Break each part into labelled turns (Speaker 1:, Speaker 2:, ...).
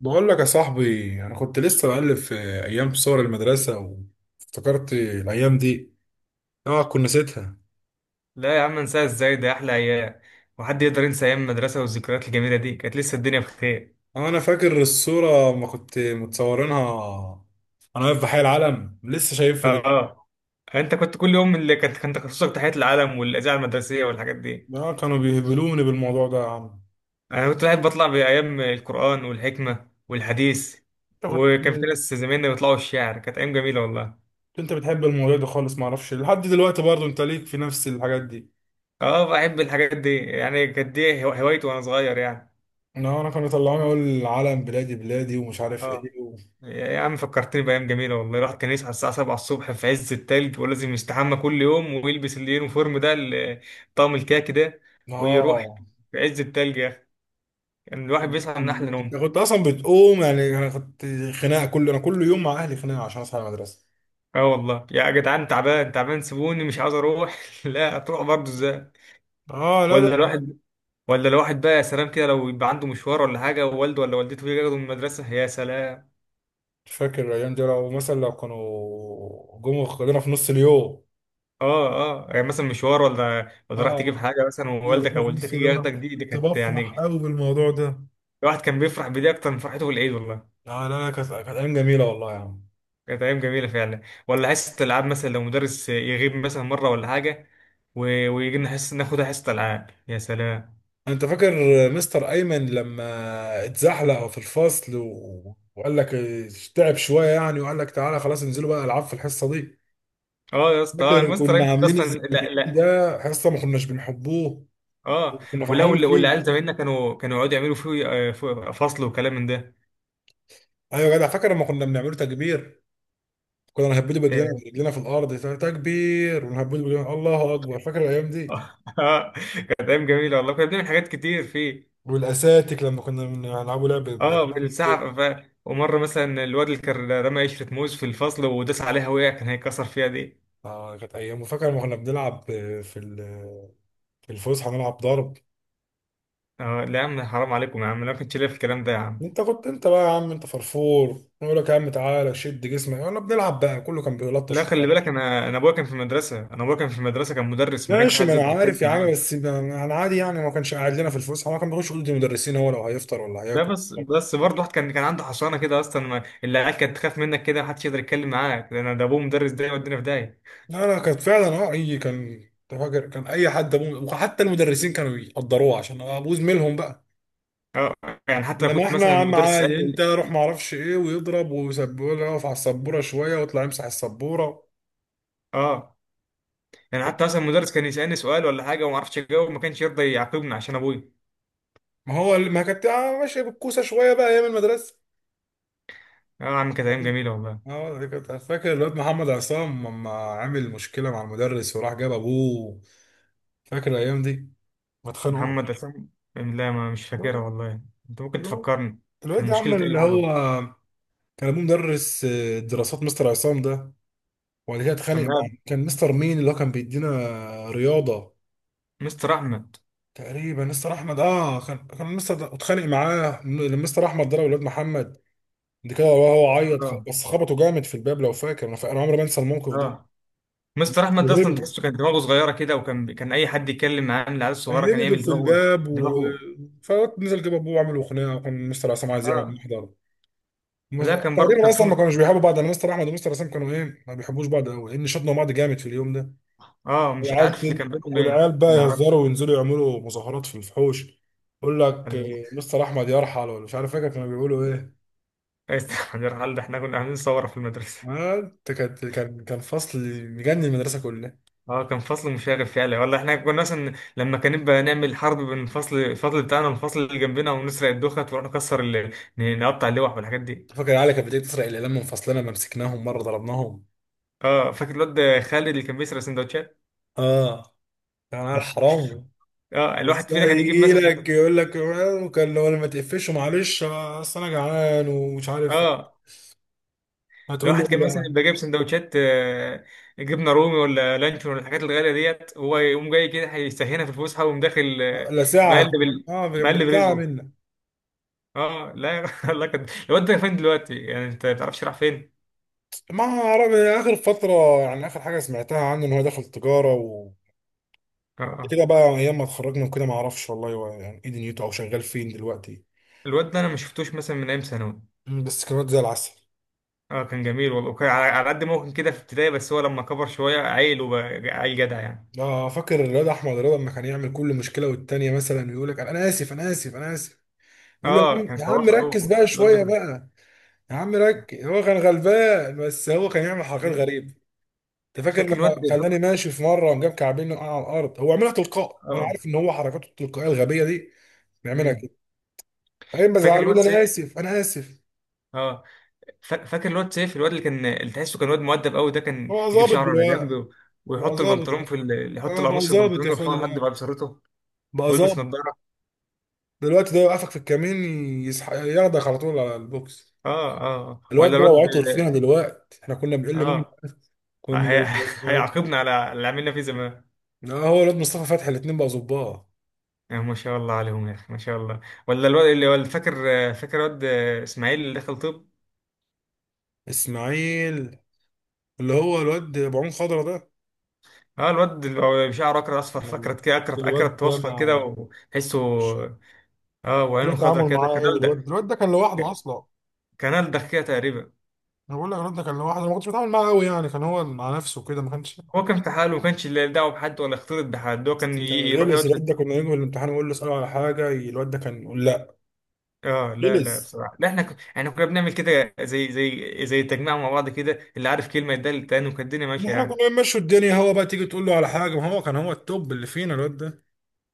Speaker 1: بقول لك يا صاحبي، انا كنت لسه بقلب في ايام صور المدرسه، وافتكرت الايام دي. اه، كنت نسيتها.
Speaker 2: لا يا عم، انساها ازاي؟ ده احلى ايام. وحد يقدر ينسى ايام المدرسه والذكريات الجميله دي؟ كانت لسه الدنيا بخير.
Speaker 1: آه، انا فاكر الصوره ما كنت متصورينها. انا واقف في حي العلم، لسه شايفها دلوقتي.
Speaker 2: اه، انت كنت كل يوم اللي كانت كان تخصصك تحية العلم والاذاعه المدرسيه والحاجات دي.
Speaker 1: اه، كانوا بيهبلوني بالموضوع ده يا عم.
Speaker 2: انا كنت قاعد بطلع بايام القران والحكمه والحديث،
Speaker 1: انت
Speaker 2: وكان في
Speaker 1: كنت
Speaker 2: ناس زمايلنا بيطلعوا الشعر، كانت ايام جميله والله.
Speaker 1: انت بتحب الموضوع ده خالص، ما اعرفش لحد دلوقتي. برضو انت ليك في نفس الحاجات دي.
Speaker 2: اه، بحب الحاجات دي، يعني كانت دي هوايتي وانا صغير يعني.
Speaker 1: اه، انا كانوا يطلعوني اقول العلم بلادي بلادي ومش عارف
Speaker 2: اه
Speaker 1: ايه
Speaker 2: يا عم، فكرتني بأيام جميلة والله. الواحد كان يصحى الساعة 7 الصبح في عز التلج، ولازم يستحمى كل يوم ويلبس اليونيفورم ده، طقم الكاكي ده، ويروح
Speaker 1: اه،
Speaker 2: في عز التلج يا أخي. يعني الواحد بيصحى من أحلى نوم.
Speaker 1: أنا كنت اصلا بتقوم، يعني انا كنت خناقه انا كل يوم مع اهلي، خناقه عشان اصحى المدرسه.
Speaker 2: اه والله يا جدعان، تعبان تعبان سيبوني مش عاوز أروح لا هتروح برضه، إزاي؟
Speaker 1: اه، لا لا،
Speaker 2: ولا الواحد، ولا الواحد بقى يا سلام كده لو يبقى عنده مشوار ولا حاجة، ووالده ولا والدته يجي ياخده من المدرسة، يا سلام.
Speaker 1: مش فاكر الايام دي، لو مثلا كانوا جم خدونا في نص اليوم.
Speaker 2: اه. اه يعني مثلا مشوار، ولا راح تجيب
Speaker 1: اه،
Speaker 2: حاجة مثلا، ووالدك
Speaker 1: ياخدونا
Speaker 2: أو
Speaker 1: في
Speaker 2: والدتك
Speaker 1: نص
Speaker 2: يجي
Speaker 1: اليوم، انا
Speaker 2: ياخدك، دي
Speaker 1: كنت
Speaker 2: كانت
Speaker 1: بفرح
Speaker 2: يعني
Speaker 1: قوي بالموضوع ده.
Speaker 2: الواحد كان بيفرح بدي اكتر من فرحته بالعيد والله.
Speaker 1: لا لا لا، كانت ايام جميله والله يا عم.
Speaker 2: كانت ايام جميله فعلا. ولا حصه العاب مثلا لو مدرس يغيب مثلا مره ولا حاجه و... ويجي لنا حصه ناخدها حصه العاب يا سلام.
Speaker 1: انت فاكر مستر ايمن لما اتزحلق في الفصل و... وقال لك تعب شويه، يعني وقال لك تعالى خلاص، انزلوا بقى العاب في الحصه دي.
Speaker 2: اه يا اسطى،
Speaker 1: فاكر
Speaker 2: المستر
Speaker 1: كنا
Speaker 2: ايمن ده
Speaker 1: عاملين
Speaker 2: اصلا لا
Speaker 1: ازاي؟ ده
Speaker 2: لا.
Speaker 1: حصه ما كناش بنحبوه،
Speaker 2: اه،
Speaker 1: كنا فرحانين فيه.
Speaker 2: والعيال زمايلنا كانوا يقعدوا يعملوا فيه، فيه فصل وكلام من ده.
Speaker 1: ايوه يا جدع، فاكر لما كنا بنعمله تكبير، كنا نهبده برجلنا
Speaker 2: اه.
Speaker 1: برجلنا في الارض، تكبير، ونهبده برجلنا، الله اكبر. فاكر الايام دي؟
Speaker 2: كانت ايام جميله والله، كنا بنعمل حاجات كتير فيه.
Speaker 1: والاساتيك، لما كنا بنلعبوا لعبه
Speaker 2: اه
Speaker 1: بالاساتيك كده.
Speaker 2: بالساعه ومره مثلا الواد اللي كان رمى قشره موز في الفصل وداس عليها وقع، كان هيكسر فيها دي.
Speaker 1: اه، كانت ايام. وفاكر لما كنا بنلعب في الفسحه نلعب ضرب.
Speaker 2: اه لا يا عم، حرام عليكم يا عم، لا ما كنتش ليا في الكلام ده يا عم.
Speaker 1: انت بقى يا عم، انت فرفور، يقول لك يا عم تعالى شد جسمك، انا بنلعب، بقى كله كان بيلطش
Speaker 2: لا
Speaker 1: في
Speaker 2: خلي
Speaker 1: بعض.
Speaker 2: بالك، انا ابويا كان في مدرسه، انا ابويا كان في مدرسه، كان مدرس، ما كانش
Speaker 1: ماشي، ما
Speaker 2: حد
Speaker 1: انا
Speaker 2: يقدر يتكلم
Speaker 1: عارف يا عم،
Speaker 2: معايا.
Speaker 1: بس انا عادي يعني، ما كانش قاعد لنا في الفسحه، ما كان بيخش اوضه المدرسين، هو لو هيفطر ولا
Speaker 2: لا
Speaker 1: هياكل.
Speaker 2: بس برضه، واحد كان عنده حصانه كده اصلا، ما العيال كانت تخاف منك كده، ما حدش يقدر يتكلم معاك لان ده ابوه مدرس، ده يودينا في داهيه.
Speaker 1: لا لا، كانت فعلا. اه، اي كان أنت فاكر، كان اي حد ابوه، وحتى المدرسين كانوا يقدروه عشان ابوه زميلهم بقى.
Speaker 2: اه يعني حتى لو
Speaker 1: انما
Speaker 2: كنت
Speaker 1: احنا
Speaker 2: مثلا
Speaker 1: يا عم
Speaker 2: مدرس
Speaker 1: عادي، انت
Speaker 2: يسالني.
Speaker 1: روح، ما اعرفش ايه، ويضرب ويسبوله يقف على السبوره شويه ويطلع يمسح السبوره.
Speaker 2: اه يعني حتى مثلا مدرس كان يسالني سؤال ولا حاجه وما اعرفش اجاوب، ما كانش يرضى يعاقبني عشان ابويا.
Speaker 1: ما هو، ما كانت ماشيه بالكوسه شويه بقى ايام المدرسه.
Speaker 2: اه يا عم كانت ايام جميله والله.
Speaker 1: اه، دي كانت فاكر الواد محمد عصام لما عامل مشكله مع المدرس وراح جاب ابوه. فاكر الايام دي؟ ما اتخانقوا.
Speaker 2: محمد اسامه؟ لا، ما مش فاكرها
Speaker 1: الواد
Speaker 2: والله. انت ممكن تفكرني؟
Speaker 1: الواد
Speaker 2: كان
Speaker 1: ده
Speaker 2: مشكله،
Speaker 1: عمل
Speaker 2: ايه اللي
Speaker 1: اللي هو
Speaker 2: حصل؟
Speaker 1: كان ابوه مدرس دراسات، مستر عصام ده. وبعد كده اتخانق مع،
Speaker 2: تمام.
Speaker 1: كان مستر مين اللي هو كان بيدينا رياضة؟
Speaker 2: مستر احمد.
Speaker 1: تقريبا مستر احمد. اه، كان مستر ده اتخانق معاه. مستر احمد ضرب الواد محمد دي كده، وهو عيط،
Speaker 2: اه.
Speaker 1: بس خبطه جامد في الباب، لو فاكر. انا عمري ما انسى الموقف ده.
Speaker 2: اه، مستر احمد ده اصلا
Speaker 1: وهبل،
Speaker 2: تحسه كان دماغه صغيره كده، وكان، اي حد يتكلم معاه من العيال الصغيره كان
Speaker 1: هبدوا
Speaker 2: يعمل
Speaker 1: في
Speaker 2: دماغه،
Speaker 1: الباب
Speaker 2: دماغه.
Speaker 1: فنزل جاب ابوه وعملوا خناقه، وكان مستر عصام عايز يعمل
Speaker 2: اه
Speaker 1: محضر. مس-
Speaker 2: لا، كان برضه
Speaker 1: تقريبا
Speaker 2: كان في.
Speaker 1: اصلا ما كانوش بيحبوا بعض، انا مستر احمد ومستر عصام كانوا ايه، ما بيحبوش بعض قوي، لان شطنوا بعض جامد في اليوم ده.
Speaker 2: اه مش عارف اللي كان بينهم ايه،
Speaker 1: والعيال بقى
Speaker 2: ما اعرفش.
Speaker 1: يهزروا وينزلوا يعملوا مظاهرات في الفحوش، يقول لك
Speaker 2: أنا-
Speaker 1: إيه، مستر احمد يرحل، ولا مش عارف، فاكر كانوا بيقولوا ايه؟
Speaker 2: استحمل يا رحال، ده احنا كنا عاملين ثوره في المدرسه.
Speaker 1: ما انت، كان فصل مجنن المدرسه كلها.
Speaker 2: اه كان فصل مشاغب فعلا والله، احنا كنا مثلا لما كان نبقى نعمل حرب بين الفصل، الفصل بتاعنا والفصل اللي جنبنا، ونسرق الدخت ونروح نكسر نقطع اللوح والحاجات دي.
Speaker 1: فاكر العيال كانت بتيجي تسرق الاقلام من فصلنا، ما مسكناهم مره ضربناهم.
Speaker 2: اه فاكر الواد خالد اللي كان بيسرق سندوتشات؟
Speaker 1: اه، كان عيال حرام.
Speaker 2: اه الواحد
Speaker 1: بس هو
Speaker 2: فينا كان يجيب
Speaker 1: يجي
Speaker 2: مثلا.
Speaker 1: لك يقول لك وكان لو أنا ما تقفش، معلش اصل انا جعان، ومش عارف إيه.
Speaker 2: اه
Speaker 1: هتقول له
Speaker 2: الواحد
Speaker 1: ايه
Speaker 2: كان
Speaker 1: بقى؟
Speaker 2: مثلا يبقى جايب سندوتشات، جبنه رومي ولا لانشون ولا الحاجات الغاليه ديت، هو يقوم جاي كده هيستهينها في الفسحه، ويقوم داخل،
Speaker 1: لا ساعه.
Speaker 2: مقلب ال...
Speaker 1: اه،
Speaker 2: مقلب
Speaker 1: بالساعه
Speaker 2: رزقه.
Speaker 1: منك.
Speaker 2: اه لا الله، كان الواد ده فين دلوقتي يعني؟ انت ما تعرفش راح فين؟
Speaker 1: ما أعرف، هي آخر فترة، يعني آخر حاجة سمعتها عنه إن هو دخل تجارة وكده.
Speaker 2: اه آه.
Speaker 1: بقى أيام ما اتخرجنا وكده ما أعرفش والله، هو يعني إيه دنيته، أو شغال فين دلوقتي.
Speaker 2: الواد ده انا ما شفتوش مثلا من ايام ثانوي.
Speaker 1: مم، بس كان واد زي العسل.
Speaker 2: اه، كان جميل والله، وكان على، على قد ما هو كان كده في ابتدائي، بس هو لما كبر شويه عيل وبقى عيل جدع يعني.
Speaker 1: لا، فاكر الواد أحمد رضا لما كان يعمل كل مشكلة والتانية، مثلا يقول لك أنا آسف، أنا آسف، أنا آسف. يقول له يا
Speaker 2: اه،
Speaker 1: عم،
Speaker 2: كان
Speaker 1: يا عم
Speaker 2: خلاص
Speaker 1: ركز
Speaker 2: قوي
Speaker 1: بقى
Speaker 2: الواد
Speaker 1: شوية
Speaker 2: ده.
Speaker 1: بقى. يا عم ركز، هو كان غلبان، بس هو كان يعمل حركات غريبة. أنت فاكر
Speaker 2: فاكر
Speaker 1: لما
Speaker 2: الواد ده.
Speaker 1: خلاني ماشي في مرة وجاب كعبين وقع على الأرض، هو عملها تلقائي، وأنا
Speaker 2: اه.
Speaker 1: عارف إن هو حركاته التلقائية الغبية دي بيعملها.
Speaker 2: مم.
Speaker 1: بعدين
Speaker 2: فاكر
Speaker 1: بزعل، بقول
Speaker 2: الواد
Speaker 1: انا
Speaker 2: سيف.
Speaker 1: اسف، انا اسف.
Speaker 2: اه. فاكر الواد سيف، الواد اللي كان، اللي تحسه كان واد مؤدب قوي، ده كان
Speaker 1: هو
Speaker 2: يجيب
Speaker 1: ظابط
Speaker 2: شعره على جنب
Speaker 1: دلوقتي،
Speaker 2: و-
Speaker 1: بقى
Speaker 2: ويحط
Speaker 1: ظابط.
Speaker 2: البنطلون في ال... يحط
Speaker 1: اه، بقى
Speaker 2: القميص في
Speaker 1: ظابط يا
Speaker 2: البنطلون،
Speaker 1: اخويا
Speaker 2: يرفعه لحد بعد
Speaker 1: دلوقتي،
Speaker 2: بشرته،
Speaker 1: بقى
Speaker 2: ويلبس
Speaker 1: ظابط
Speaker 2: نظاره.
Speaker 1: دلوقتي. ده يوقفك في الكمين، ياخدك على طول على البوكس.
Speaker 2: اه اه آه.
Speaker 1: الواد
Speaker 2: ولا
Speaker 1: ده لو
Speaker 2: الواد.
Speaker 1: عطر فينا دلوقتي، احنا كنا بنقل منه.
Speaker 2: اه آه.
Speaker 1: كنا
Speaker 2: هيعاقبنا على اللي عملنا فيه زمان.
Speaker 1: اه، هو الواد مصطفى فتحي، الاتنين بقى ظباط.
Speaker 2: آه ما شاء الله عليهم يا اخي، ما شاء الله. ولا الواد اللي هو اللي فاكر، فاكر الواد اسماعيل اللي دخل طب.
Speaker 1: اسماعيل، اللي هو الواد ابو عون خضرا ده.
Speaker 2: اه الواد اللي هو شعره اكرت اصفر،
Speaker 1: لما-
Speaker 2: فكرت كده، اكرت
Speaker 1: الواد
Speaker 2: اكرت
Speaker 1: ده
Speaker 2: واصفر كده
Speaker 1: مع
Speaker 2: وتحسه.
Speaker 1: مش-
Speaker 2: اه
Speaker 1: لا،
Speaker 2: وعينه خضرا
Speaker 1: تعامل
Speaker 2: كده،
Speaker 1: معاه
Speaker 2: كان
Speaker 1: قوي.
Speaker 2: ألدغ.
Speaker 1: الواد ده كان لوحده اصلا.
Speaker 2: كان ألدغ كده تقريبا.
Speaker 1: انا بقول لك الواد ده كان لوحده، أنا ما كنتش بتعامل معاه قوي يعني، كان هو مع نفسه كده ما كانش.
Speaker 2: هو كان في حاله، ما كانش له دعوه بحد ولا يختلط بحد، هو كان
Speaker 1: كان
Speaker 2: يروح يقعد
Speaker 1: غلس
Speaker 2: في.
Speaker 1: الواد ده، كنا نيجي من الامتحان نقول له اساله على حاجه، الواد ده كان يقول لا.
Speaker 2: اه لا
Speaker 1: غلس.
Speaker 2: لا بصراحه، لا احنا احنا كنا بنعمل كده زي، زي، زي تجميع مع بعض كده، اللي عارف كلمه يدل التاني، وكانت الدنيا ماشيه
Speaker 1: احنا
Speaker 2: يعني.
Speaker 1: كنا بنمشي الدنيا، هو بقى تيجي تقول له على حاجه، ما هو كان هو التوب اللي فينا الواد ده.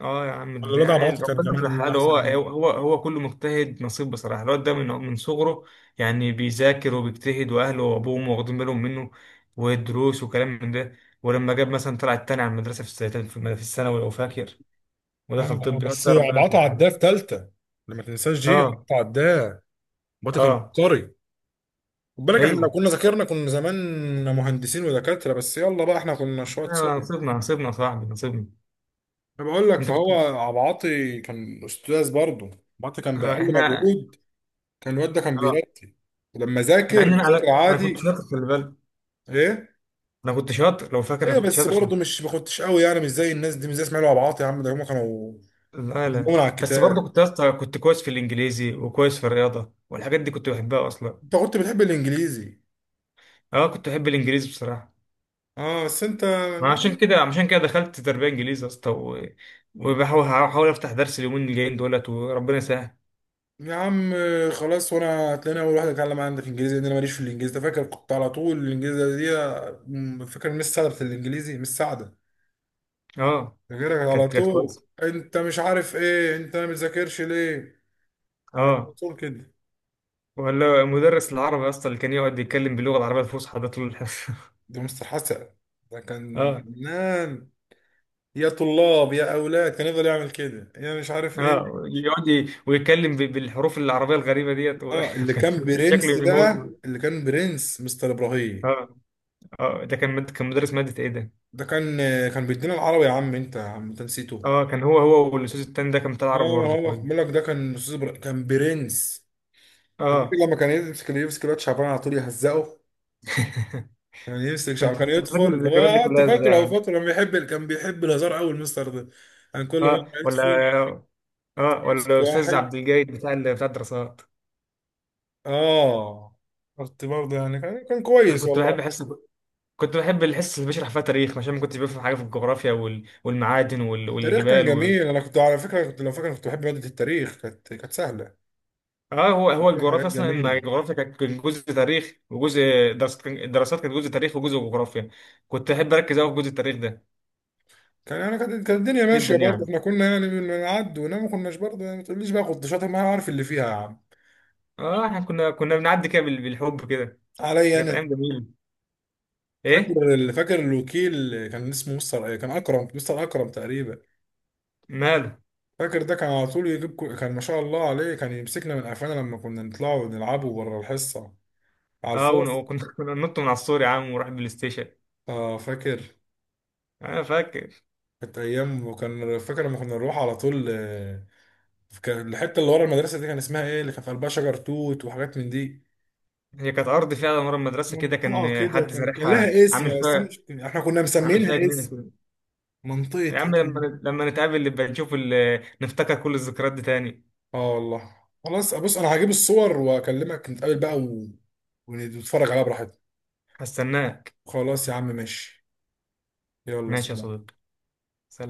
Speaker 2: اه يا عم
Speaker 1: ولا
Speaker 2: ده
Speaker 1: الواد
Speaker 2: يعني
Speaker 1: عبعاطه كان
Speaker 2: ربنا
Speaker 1: كمان
Speaker 2: يصلح
Speaker 1: اللي
Speaker 2: حاله، هو
Speaker 1: احسن منه.
Speaker 2: هو هو كله مجتهد نصيب بصراحه، الواد ده من صغره يعني بيذاكر وبيجتهد، واهله وابوه واخدين بالهم منه والدروس وكلام من ده. ولما جاب مثلا، طلع التاني على المدرسه في في الثانوي لو فاكر،
Speaker 1: اه،
Speaker 2: ودخل طب، الواد
Speaker 1: بس
Speaker 2: ده ربنا
Speaker 1: عبعاطه
Speaker 2: يصلح
Speaker 1: عداه في
Speaker 2: حاله.
Speaker 1: ثالثه. لما تنساش، جي
Speaker 2: اه.
Speaker 1: عبعاطه عداه. عبعاطه كان
Speaker 2: اه.
Speaker 1: عبقري. خد بالك، احنا لو
Speaker 2: ايوه.
Speaker 1: كنا ذاكرنا كنا زمان مهندسين ودكاتره، بس يلا بقى، احنا كنا شويه صغير.
Speaker 2: نصيبنا، نصيبنا يا صاحبي، نصيبنا.
Speaker 1: انا بقول لك
Speaker 2: انت
Speaker 1: فهو
Speaker 2: كنت.
Speaker 1: عبعاطي كان استاذ برضه. عبعاطي كان باقل
Speaker 2: احنا.
Speaker 1: مجهود، كان الواد ده كان
Speaker 2: اه،
Speaker 1: بيرتب. ولما
Speaker 2: مع
Speaker 1: ذاكر،
Speaker 2: ان انا،
Speaker 1: ذاكر
Speaker 2: أنا كنت
Speaker 1: عادي.
Speaker 2: شاطر خلي بالك،
Speaker 1: ايه؟
Speaker 2: انا كنت شاطر لو فاكر، انا
Speaker 1: ايوه،
Speaker 2: كنت
Speaker 1: بس
Speaker 2: شاطر في.
Speaker 1: برضه مش ما كنتش قوي يعني، مش زي الناس دي، مش زي اسماعيل وابعاط، يا عم ده هم كانوا
Speaker 2: لا لا،
Speaker 1: مجنون على
Speaker 2: بس برضه
Speaker 1: الكتاب.
Speaker 2: كنت يا اسطى كنت كويس في الانجليزي، وكويس في الرياضه، والحاجات دي كنت بحبها اصلا.
Speaker 1: انت كنت بتحب الانجليزي؟
Speaker 2: اه كنت بحب الانجليزي بصراحه.
Speaker 1: اه، بس انت
Speaker 2: ما عشان كده، دخلت تربيه انجليزي يا اسطى و- وبحاول هحاول افتح درس اليومين الجايين دولت، وربنا يسهل.
Speaker 1: يا عم، خلاص، وانا هتلاقيني اول واحد اتكلم عندك انجليزي، لان انا ماليش في الانجليزي ده، فاكر كنت على طول الانجليزي دي؟ فاكر مش سعده بتاعت الانجليزي؟ مش سعده،
Speaker 2: اه
Speaker 1: فاكرك على
Speaker 2: كانت
Speaker 1: طول،
Speaker 2: كويسه.
Speaker 1: انت مش عارف ايه، انت ما بتذاكرش ليه، على
Speaker 2: اه.
Speaker 1: طول كده.
Speaker 2: ولا مدرس العربي يا اسطى اللي كان يقعد يتكلم باللغه العربيه الفصحى ده طول الحصه.
Speaker 1: ده مستر حسن، ده كان
Speaker 2: اه.
Speaker 1: فنان، يا طلاب يا اولاد، كان يفضل يعمل كده، يا مش عارف ايه.
Speaker 2: اه يقعد ويتكلم بالحروف العربيه الغريبه ديت و
Speaker 1: اه، اللي
Speaker 2: كان،
Speaker 1: كان
Speaker 2: كان
Speaker 1: برنس
Speaker 2: شكله
Speaker 1: بقى
Speaker 2: يموت.
Speaker 1: اللي كان برنس مستر ابراهيم.
Speaker 2: اه. اه ده كان كان مدرس ماده ايه ده؟
Speaker 1: ده كان بيدينا العربي، يا عم انت، يا عم انت نسيته.
Speaker 2: اه كان هو، والاستاذ التاني ده كان بتاع
Speaker 1: اه،
Speaker 2: عربي برضه
Speaker 1: هو بقول
Speaker 2: كويس.
Speaker 1: لك ده كان استاذ، كان برنس. انت فاكر
Speaker 2: اه.
Speaker 1: لما كان يمسك الواد شعبان على طول يهزقه؟ كان يمسك
Speaker 2: انت
Speaker 1: شعب كان
Speaker 2: فاكر
Speaker 1: يدخل هو،
Speaker 2: الذكريات دي
Speaker 1: انت
Speaker 2: كلها ازاي
Speaker 1: فاكره، هو
Speaker 2: يعني؟
Speaker 1: فاكره، كان بيحب الهزار قوي المستر ده. كان كل
Speaker 2: اه
Speaker 1: مره
Speaker 2: ولا.
Speaker 1: يدخل
Speaker 2: اه
Speaker 1: يمسك
Speaker 2: ولا استاذ
Speaker 1: واحد.
Speaker 2: عبد الجيد بتاع بتاع الدراسات.
Speaker 1: اه، قلت برضه يعني، كان
Speaker 2: أنا
Speaker 1: كويس
Speaker 2: كنت بحب
Speaker 1: والله.
Speaker 2: حس، كنت بحب الحصه اللي بيشرح فيها تاريخ، عشان ما كنتش بفهم حاجه في الجغرافيا والمعادن
Speaker 1: التاريخ كان
Speaker 2: والجبال.
Speaker 1: جميل، انا كنت على فكره، كنت لو فاكر، كنت بحب ماده التاريخ، كانت سهله،
Speaker 2: اه، هو
Speaker 1: فيها حاجات
Speaker 2: الجغرافيا اصلا، ان
Speaker 1: جميله.
Speaker 2: الجغرافيا كان جزء تاريخ وجزء، الدراسات كانت جزء تاريخ وجزء جغرافيا. كنت احب اركز قوي في جزء التاريخ ده،
Speaker 1: كان انا كانت كانت الدنيا
Speaker 2: جدا
Speaker 1: ماشيه برضه،
Speaker 2: يعني.
Speaker 1: احنا كنا يعني بنعد ونام، ما كناش برضه يعني، ما تقوليش بقى كنت شاطر، ما أنا عارف اللي فيها يا عم،
Speaker 2: اه احنا كنا بنعدي كده بالحب كده،
Speaker 1: عليا
Speaker 2: كانت ايام
Speaker 1: انا.
Speaker 2: جميله. ايه؟
Speaker 1: فاكر الوكيل كان اسمه مستر كان اكرم، مستر اكرم تقريبا.
Speaker 2: ماله؟
Speaker 1: فاكر ده كان على طول يجيب كان ما شاء الله عليه، كان يمسكنا من قفانا لما كنا نطلعوا نلعبوا بره الحصه على
Speaker 2: اه
Speaker 1: الفاصل.
Speaker 2: وكنا كنا ننط من على السور يا عم ونروح البلاي ستيشن.
Speaker 1: اه، فاكر
Speaker 2: انا فاكر.
Speaker 1: كانت ايام، وكان فاكر لما كنا نروح على طول، كان الحته اللي ورا المدرسه دي كان اسمها ايه، اللي كان في قلبها شجر توت وحاجات من دي،
Speaker 2: هي كانت ارض فيها مرة المدرسه كده،
Speaker 1: منطقه
Speaker 2: كان
Speaker 1: كده،
Speaker 2: حد
Speaker 1: كان
Speaker 2: زارعها
Speaker 1: لها اسم،
Speaker 2: عامل
Speaker 1: بس انا
Speaker 2: فيها،
Speaker 1: مش احنا كنا
Speaker 2: عامل فيها
Speaker 1: مسمينها
Speaker 2: جنينه
Speaker 1: اسم،
Speaker 2: كده.
Speaker 1: منطقه
Speaker 2: يا عم
Speaker 1: ايه؟
Speaker 2: لما نتقابل نبقى نشوف نفتكر كل الذكريات دي تاني.
Speaker 1: اه والله. خلاص، بص انا هجيب الصور واكلمك، نتقابل بقى ونتفرج عليها براحتنا.
Speaker 2: هستناك.
Speaker 1: خلاص يا عم، ماشي، يلا
Speaker 2: ماشي يا
Speaker 1: سلام.
Speaker 2: صديقي.